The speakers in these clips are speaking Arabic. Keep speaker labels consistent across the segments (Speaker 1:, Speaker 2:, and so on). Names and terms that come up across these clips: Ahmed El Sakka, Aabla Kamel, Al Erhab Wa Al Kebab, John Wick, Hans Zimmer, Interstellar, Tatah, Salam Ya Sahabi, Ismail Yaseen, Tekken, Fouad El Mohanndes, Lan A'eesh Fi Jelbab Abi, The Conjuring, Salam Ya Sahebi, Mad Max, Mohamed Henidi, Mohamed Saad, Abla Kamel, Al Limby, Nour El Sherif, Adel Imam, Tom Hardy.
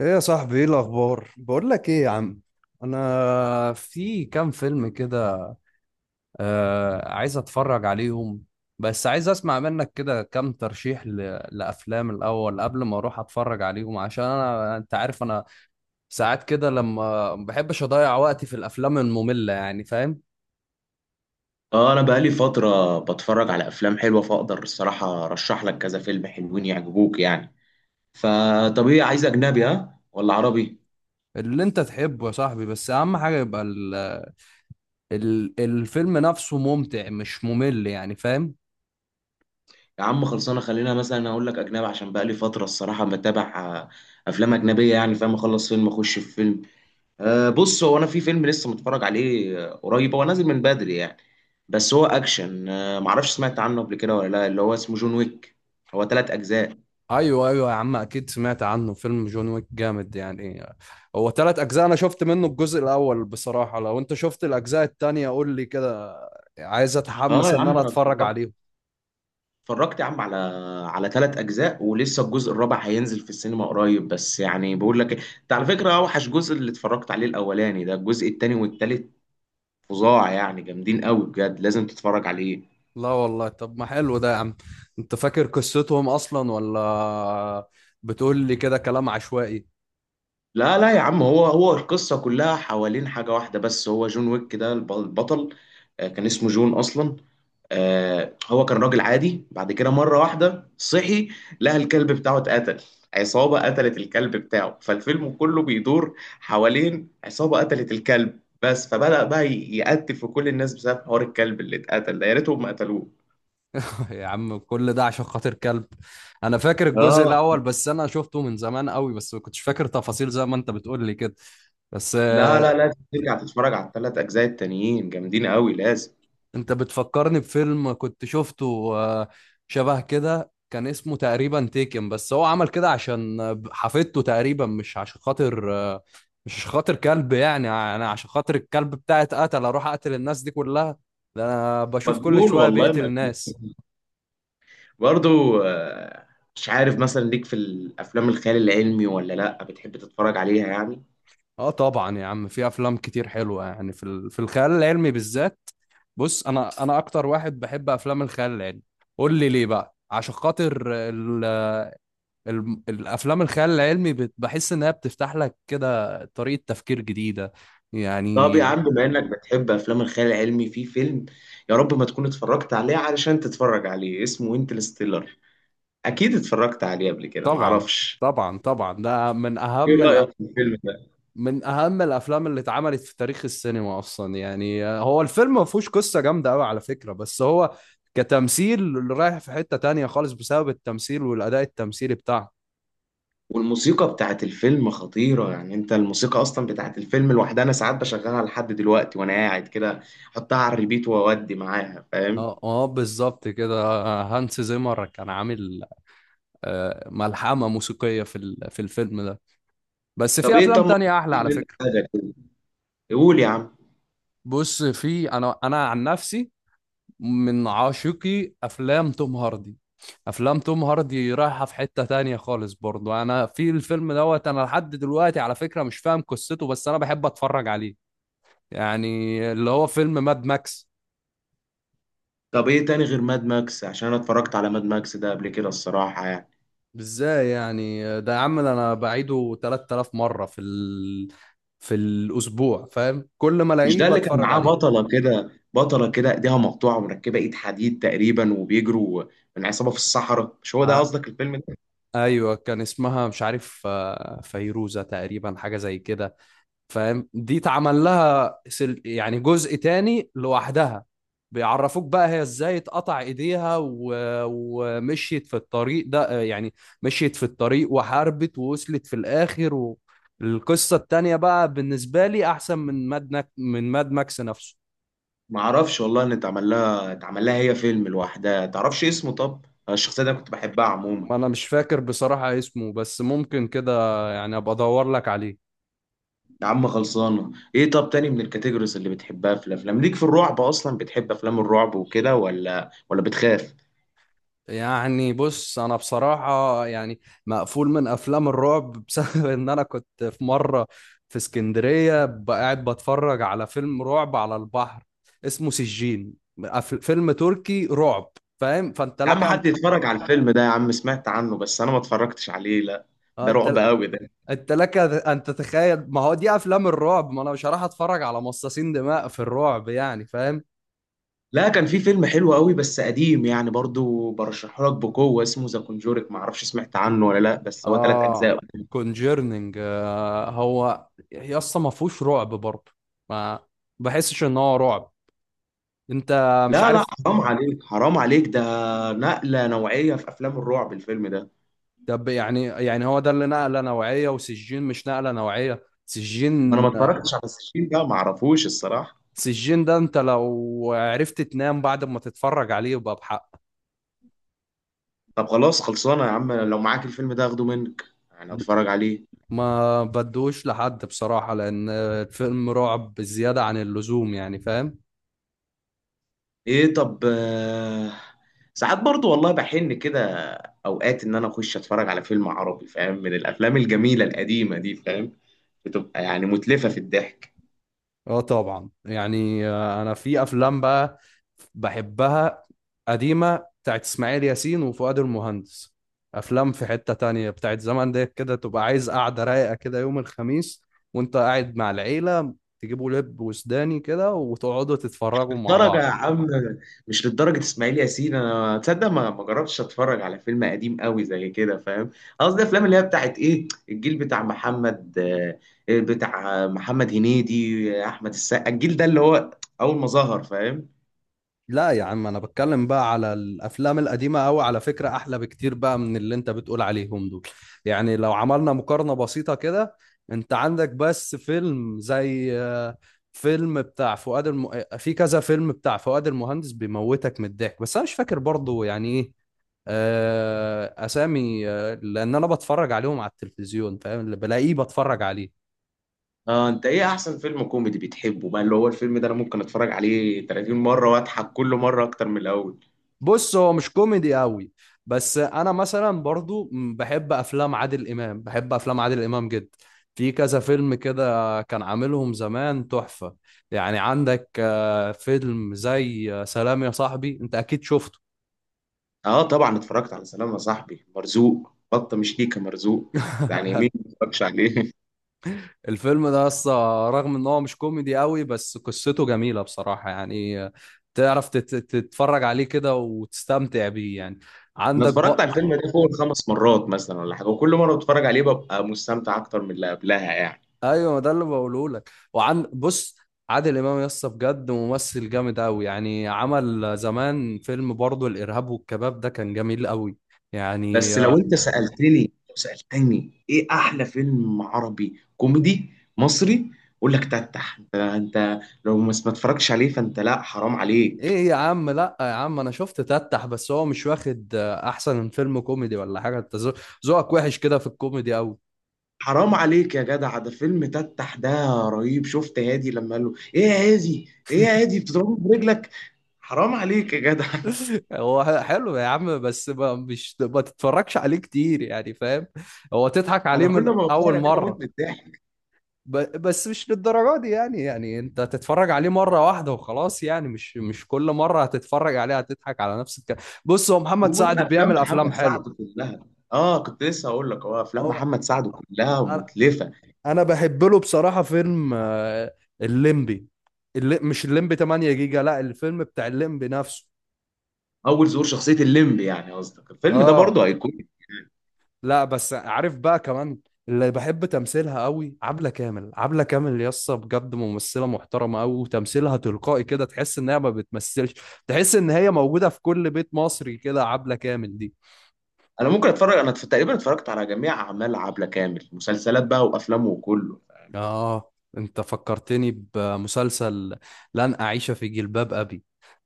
Speaker 1: ايه يا صاحبي، ايه الاخبار؟ بقول لك ايه يا عم، انا في كام فيلم كده. آه عايز اتفرج عليهم بس عايز اسمع منك كده كام ترشيح لافلام الاول قبل ما اروح اتفرج عليهم. عشان انا انت عارف انا ساعات كده لما ما بحبش اضيع وقتي في الافلام المملة، يعني فاهم.
Speaker 2: اه، انا بقالي فترة بتفرج على افلام حلوة، فاقدر الصراحة ارشح لك كذا فيلم حلوين يعجبوك يعني. فطب ايه، عايز اجنبي ها ولا عربي؟
Speaker 1: اللي انت تحبه يا صاحبي، بس اهم حاجة يبقى الفيلم نفسه ممتع مش ممل، يعني فاهم.
Speaker 2: يا عم خلصانة، خلينا مثلا اقول لك اجنبي عشان بقالي فترة الصراحة بتابع افلام اجنبية، يعني فاهم، اخلص فيلم اخش في فيلم. بص، هو انا في فيلم لسه متفرج عليه قريب، هو نازل من بدري يعني. بس هو اكشن، معرفش سمعت عنه قبل كده ولا لا، اللي هو اسمه جون ويك. هو ثلاث اجزاء.
Speaker 1: ايوه ايوه يا عم، اكيد سمعت عنه، فيلم جون ويك جامد يعني. هو ثلاث اجزاء، انا شفت منه الجزء الاول بصراحه. لو انت شفت الاجزاء التانية قول لي كده، عايز
Speaker 2: اه
Speaker 1: اتحمس
Speaker 2: يا
Speaker 1: ان
Speaker 2: عم،
Speaker 1: انا
Speaker 2: انا
Speaker 1: اتفرج
Speaker 2: اتفرجت،
Speaker 1: عليهم.
Speaker 2: يا عم على ثلاث اجزاء، ولسه الجزء الرابع هينزل في السينما قريب. بس يعني بقول لك انت على فكره اوحش جزء اللي اتفرجت عليه الاولاني ده، الجزء الثاني والثالث فظاع يعني، جامدين قوي بجد، لازم تتفرج عليه.
Speaker 1: لا والله، طب ما حلو ده يا عم. انت فاكر قصتهم اصلا ولا بتقول لي كده كلام عشوائي؟
Speaker 2: لا لا يا عم، هو القصة كلها حوالين حاجة واحدة. بس هو جون ويك ده البطل. كان اسمه جون أصلا. هو كان راجل عادي، بعد كده مرة واحدة صحي لقى الكلب بتاعه اتقتل، عصابة قتلت الكلب بتاعه. فالفيلم كله بيدور حوالين عصابة قتلت الكلب، بس فبدأ بقى يقتل في كل الناس بسبب حوار الكلب اللي اتقتل ده، يا ريتهم ما قتلوه.
Speaker 1: يا عم كل ده عشان خاطر كلب! انا فاكر الجزء
Speaker 2: اه،
Speaker 1: الاول بس انا شفته من زمان قوي، بس ما كنتش فاكر تفاصيل زي ما انت بتقول لي كده. بس
Speaker 2: لا لا لازم ترجع تتفرج على الثلاث أجزاء التانيين، جامدين قوي لازم.
Speaker 1: انت بتفكرني بفيلم كنت شفته، شبه كده، كان اسمه تقريبا تيكن. بس هو عمل كده عشان حفيدته تقريبا، مش عشان خاطر، مش عشان خاطر كلب. يعني انا عشان خاطر الكلب بتاعي اتقتل اروح اقتل الناس دي كلها؟ ده انا بشوف كل
Speaker 2: مجنون
Speaker 1: شوية
Speaker 2: والله.
Speaker 1: بيقتل الناس.
Speaker 2: برضو، مش عارف مثلا ليك في الافلام الخيال العلمي ولا لا، بتحب تتفرج عليها يعني؟
Speaker 1: اه طبعا يا عم، في افلام كتير حلوة يعني في في الخيال العلمي بالذات. بص انا اكتر واحد بحب افلام الخيال العلمي. قول لي ليه بقى؟ عشان خاطر الافلام الخيال العلمي بحس انها بتفتح لك كده طريقة تفكير جديدة
Speaker 2: طب
Speaker 1: يعني.
Speaker 2: يا عم، بما انك بتحب افلام الخيال العلمي، في فيلم يا رب ما تكون اتفرجت عليه علشان تتفرج عليه، اسمه انترستيلر. اكيد اتفرجت عليه قبل كده،
Speaker 1: طبعا
Speaker 2: معرفش.
Speaker 1: طبعا طبعا، ده من اهم
Speaker 2: ايه رايك في الفيلم ده؟
Speaker 1: من اهم الافلام اللي اتعملت في تاريخ السينما اصلا. يعني هو الفيلم ما فيهوش قصة جامدة قوي على فكرة، بس هو كتمثيل رايح في حتة تانية خالص بسبب التمثيل والاداء التمثيلي بتاعه.
Speaker 2: والموسيقى بتاعت الفيلم خطيره يعني، انت الموسيقى اصلا بتاعت الفيلم لوحدها انا ساعات بشغلها لحد دلوقتي وانا قاعد كده، احطها على الريبيت واودي معاها فاهم.
Speaker 1: اه اه بالظبط كده، هانس زيمر كان عامل، ملحمة موسيقية في في الفيلم ده. بس
Speaker 2: طب
Speaker 1: في
Speaker 2: ايه،
Speaker 1: افلام
Speaker 2: ما
Speaker 1: تانية احلى على فكرة.
Speaker 2: تقول يا عم.
Speaker 1: بص في، انا عن نفسي من عاشقي افلام توم هاردي. افلام توم هاردي رايحه في حته تانية خالص برضو. انا في الفيلم دوت انا لحد دلوقتي على فكره مش فاهم قصته بس انا بحب اتفرج عليه، يعني اللي هو فيلم ماد ماكس.
Speaker 2: طب ايه تاني غير ماد ماكس، عشان انا اتفرجت على ماد ماكس ده قبل كده الصراحة يعني.
Speaker 1: ازاي يعني ده يا عم؟ ده انا بعيده 3000 مره في في الاسبوع فاهم، كل ما
Speaker 2: مش
Speaker 1: الاقيه
Speaker 2: ده اللي كان
Speaker 1: بتفرج
Speaker 2: معاه
Speaker 1: عليه.
Speaker 2: بطلة كده، بطلة كده ايديها مقطوعة ومركبة ايد حديد تقريبا، وبيجروا من عصابة في الصحراء، مش هو ده
Speaker 1: آه،
Speaker 2: قصدك الفيلم ده؟
Speaker 1: ايوه كان اسمها مش عارف، فيروزه تقريبا، حاجه زي كده فاهم. دي اتعمل لها يعني جزء تاني لوحدها، بيعرفوك بقى هي ازاي اتقطع ايديها ومشيت في الطريق ده يعني. مشيت في الطريق وحاربت ووصلت في الاخر القصة التانية بقى بالنسبة لي احسن من من ماد ماكس نفسه.
Speaker 2: معرفش والله ان اتعمل لها، هي فيلم لوحدها. تعرفش اسمه؟ طب الشخصية دي أنا كنت بحبها عموما.
Speaker 1: انا مش فاكر بصراحة اسمه بس ممكن كده يعني، ابقى ادور لك عليه
Speaker 2: يا عم خلصانة. ايه طب تاني من الكاتيجوريز اللي بتحبها في الافلام؟ ليك في الرعب اصلا، بتحب افلام الرعب وكده ولا بتخاف؟
Speaker 1: يعني. بص انا بصراحه يعني مقفول من افلام الرعب بسبب ان انا كنت في مره في اسكندريه قاعد بتفرج على فيلم رعب على البحر اسمه سجين. فيلم تركي رعب فاهم، فانت
Speaker 2: يا
Speaker 1: لك
Speaker 2: عم،
Speaker 1: ان،
Speaker 2: حد يتفرج على الفيلم ده يا عم، سمعت عنه بس انا ما اتفرجتش عليه لا. ده
Speaker 1: انت
Speaker 2: رعب قوي ده.
Speaker 1: لك ان تتخيل. ما هو دي افلام الرعب، ما انا مش هروح اتفرج على مصاصين دماء في الرعب يعني فاهم.
Speaker 2: لا، كان في فيلم حلو قوي بس قديم يعني، برضو برشحه لك بقوة، اسمه ذا كونجورك، ما اعرفش سمعت عنه ولا لا، بس هو ثلاث
Speaker 1: اه
Speaker 2: اجزاء.
Speaker 1: كونجيرنينج، هو يا اسطى ما فيهوش رعب برضه، ما بحسش ان هو رعب انت، مش
Speaker 2: لا لا،
Speaker 1: عارف.
Speaker 2: حرام عليك، حرام عليك، ده نقلة نوعية في افلام الرعب الفيلم ده.
Speaker 1: طب يعني، هو ده اللي نقله نوعيه وسجين مش نقله نوعيه؟
Speaker 2: ما انا
Speaker 1: سجين،
Speaker 2: ما اتفرجتش على السجين ده، ما اعرفوش الصراحة.
Speaker 1: سجين ده انت لو عرفت تنام بعد ما تتفرج عليه يبقى بحق.
Speaker 2: طب خلاص خلصانة يا عم، لو معاك الفيلم ده اخده منك يعني اتفرج عليه.
Speaker 1: ما بدوش لحد بصراحه لان الفيلم رعب بزياده عن اللزوم يعني فاهم.
Speaker 2: ايه طب، ساعات برضو والله بحن كده اوقات ان انا اخش اتفرج على فيلم عربي فاهم، من الافلام الجميله القديمه دي فاهم، بتبقى يعني متلفه في الضحك.
Speaker 1: اه طبعا يعني، انا في افلام بقى بحبها قديمة بتاعت اسماعيل ياسين وفؤاد المهندس. افلام في حتة تانية بتاعت زمان ديت كده، تبقى عايز قعدة رايقة كده يوم الخميس وانت قاعد مع العيلة، تجيبوا لب وسوداني كده وتقعدوا تتفرجوا مع
Speaker 2: للدرجه
Speaker 1: بعض.
Speaker 2: يا عم؟ مش للدرجه اسماعيل ياسين، انا تصدق ما جربتش اتفرج على فيلم قديم قوي زي كده فاهم. قصدي الافلام اللي هي بتاعت ايه، الجيل بتاع محمد، بتاع محمد هنيدي احمد السقا، الجيل ده اللي هو اول ما ظهر فاهم.
Speaker 1: لا يا عم، انا بتكلم بقى على الافلام القديمه قوي على فكره، احلى بكتير بقى من اللي انت بتقول عليهم دول. يعني لو عملنا مقارنه بسيطه كده، انت عندك بس فيلم زي، فيلم بتاع فؤاد الم... آه، في كذا فيلم بتاع فؤاد المهندس بيموتك من الضحك. بس انا مش فاكر برضو يعني ايه، اسامي، لان انا بتفرج عليهم على التلفزيون فاهم، اللي بلاقيه بتفرج عليه.
Speaker 2: اه انت ايه احسن فيلم كوميدي بتحبه بقى؟ اللي هو الفيلم ده انا ممكن اتفرج عليه 30 مرة واضحك كل مرة اكتر من الاول.
Speaker 1: بص هو مش كوميدي قوي، بس انا مثلا برضو بحب افلام عادل امام، بحب افلام عادل امام جدا. في كذا فيلم كده كان عاملهم زمان تحفة، يعني عندك، فيلم زي، سلام يا صاحبي، انت اكيد شفته.
Speaker 2: اه طبعا اتفرجت على سلام يا صاحبي، مرزوق بطة، مش ليكة مرزوق يعني، مين ما اتفرجش عليه
Speaker 1: الفيلم ده اصلا رغم ان هو مش كوميدي قوي بس قصته جميلة بصراحة يعني، تعرف تتفرج عليه كده وتستمتع بيه يعني.
Speaker 2: انا
Speaker 1: عندك،
Speaker 2: اتفرجت على الفيلم ده فوق الخمس مرات مثلا ولا حاجة، وكل مرة بتفرج عليه ببقى مستمتع اكتر من اللي قبلها يعني.
Speaker 1: ايوه ما ده اللي بقوله لك. وعن بص، عادل امام يا اسطى بجد ممثل جامد قوي، يعني عمل زمان فيلم برضه الارهاب والكباب ده كان جميل قوي يعني
Speaker 2: بس
Speaker 1: آه،.
Speaker 2: لو انت سألتني، لو سألتني ايه احلى فيلم عربي كوميدي مصري، اقول لك تتح. انت لو ما اتفرجتش عليه فانت لا، حرام عليك.
Speaker 1: ايه يا عم، لا يا عم انا شفت تتح بس هو مش واخد، احسن فيلم كوميدي ولا حاجه. انت ذوقك وحش كده في الكوميدي قوي.
Speaker 2: حرام عليك يا جدع، ده فيلم تتح ده رهيب. شفت هادي لما قال له ايه يا هادي ايه يا هادي بتضربه برجلك، حرام عليك يا جدع
Speaker 1: هو حلو يا عم بس ما مش ما تتفرجش عليه كتير يعني فاهم، هو تضحك عليه
Speaker 2: انا كل
Speaker 1: من
Speaker 2: ما
Speaker 1: اول
Speaker 2: بتفرج عليه بموت
Speaker 1: مره
Speaker 2: من الضحك.
Speaker 1: بس مش للدرجة دي يعني. يعني انت هتتفرج عليه مرة واحدة وخلاص، يعني مش كل مرة هتتفرج عليه هتضحك على نفس الكلام. بص هو محمد
Speaker 2: ومن
Speaker 1: سعد
Speaker 2: افلام
Speaker 1: بيعمل افلام
Speaker 2: محمد
Speaker 1: حلوة.
Speaker 2: سعد كلها، اه كنت لسه هقول لك، هو افلام
Speaker 1: هو
Speaker 2: محمد سعد كلها
Speaker 1: انا
Speaker 2: متلفه.
Speaker 1: انا بحب له بصراحة فيلم، الليمبي، اللي مش الليمبي 8 جيجا، لا الفيلم بتاع الليمبي نفسه.
Speaker 2: اول ظهور شخصيه الليمب، يعني قصدك الفيلم ده
Speaker 1: اه
Speaker 2: برضه هيكون.
Speaker 1: لا بس عارف بقى كمان، اللي بحب تمثيلها قوي عبلة كامل. عبلة كامل يسطا بجد ممثلة محترمة قوي وتمثيلها تلقائي كده، تحس ان هي ما بتمثلش، تحس ان هي موجودة في كل بيت مصري كده عبلة كامل دي.
Speaker 2: انا تقريبا اتفرجت على جميع اعمال عبله كامل، مسلسلات بقى وافلامه وكله.
Speaker 1: اه انت فكرتني بمسلسل لن أعيش في جلباب أبي،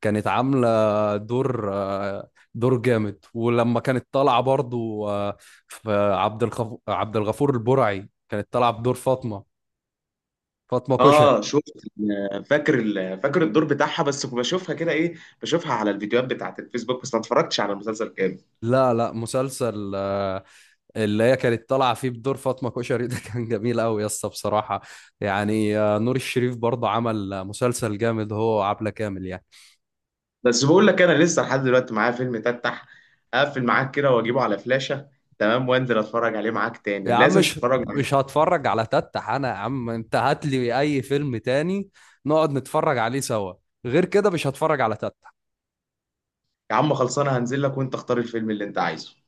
Speaker 1: كانت عاملة دور، دور جامد. ولما كانت طالعة برضو، في عبد الغفور البرعي كانت طالعة بدور فاطمة، فاطمة كشري.
Speaker 2: اه شفت، فاكر فاكر الدور بتاعها، بس بشوفها كده ايه، بشوفها على الفيديوهات بتاعت الفيسبوك بس ما اتفرجتش على المسلسل كامل.
Speaker 1: لا لا مسلسل، اللي هي كانت طالعه فيه بدور فاطمه كشري ده كان جميل قوي يا اسطى بصراحه يعني، نور الشريف برضه عمل، مسلسل جامد هو وعبله كامل يعني.
Speaker 2: بس بقول لك انا لسه لحد دلوقتي معايا فيلم، تفتح اقفل معاك كده واجيبه على فلاشة تمام، وانزل اتفرج عليه معاك
Speaker 1: يا
Speaker 2: تاني،
Speaker 1: عم
Speaker 2: لازم تتفرج معايا.
Speaker 1: مش هتفرج على تتح، انا يا عم انت هات لي اي فيلم تاني نقعد نتفرج عليه سوا، غير كده مش هتفرج على تتح.
Speaker 2: يا عم خلصانه، هنزل لك وانت اختار الفيلم اللي انت عايزه.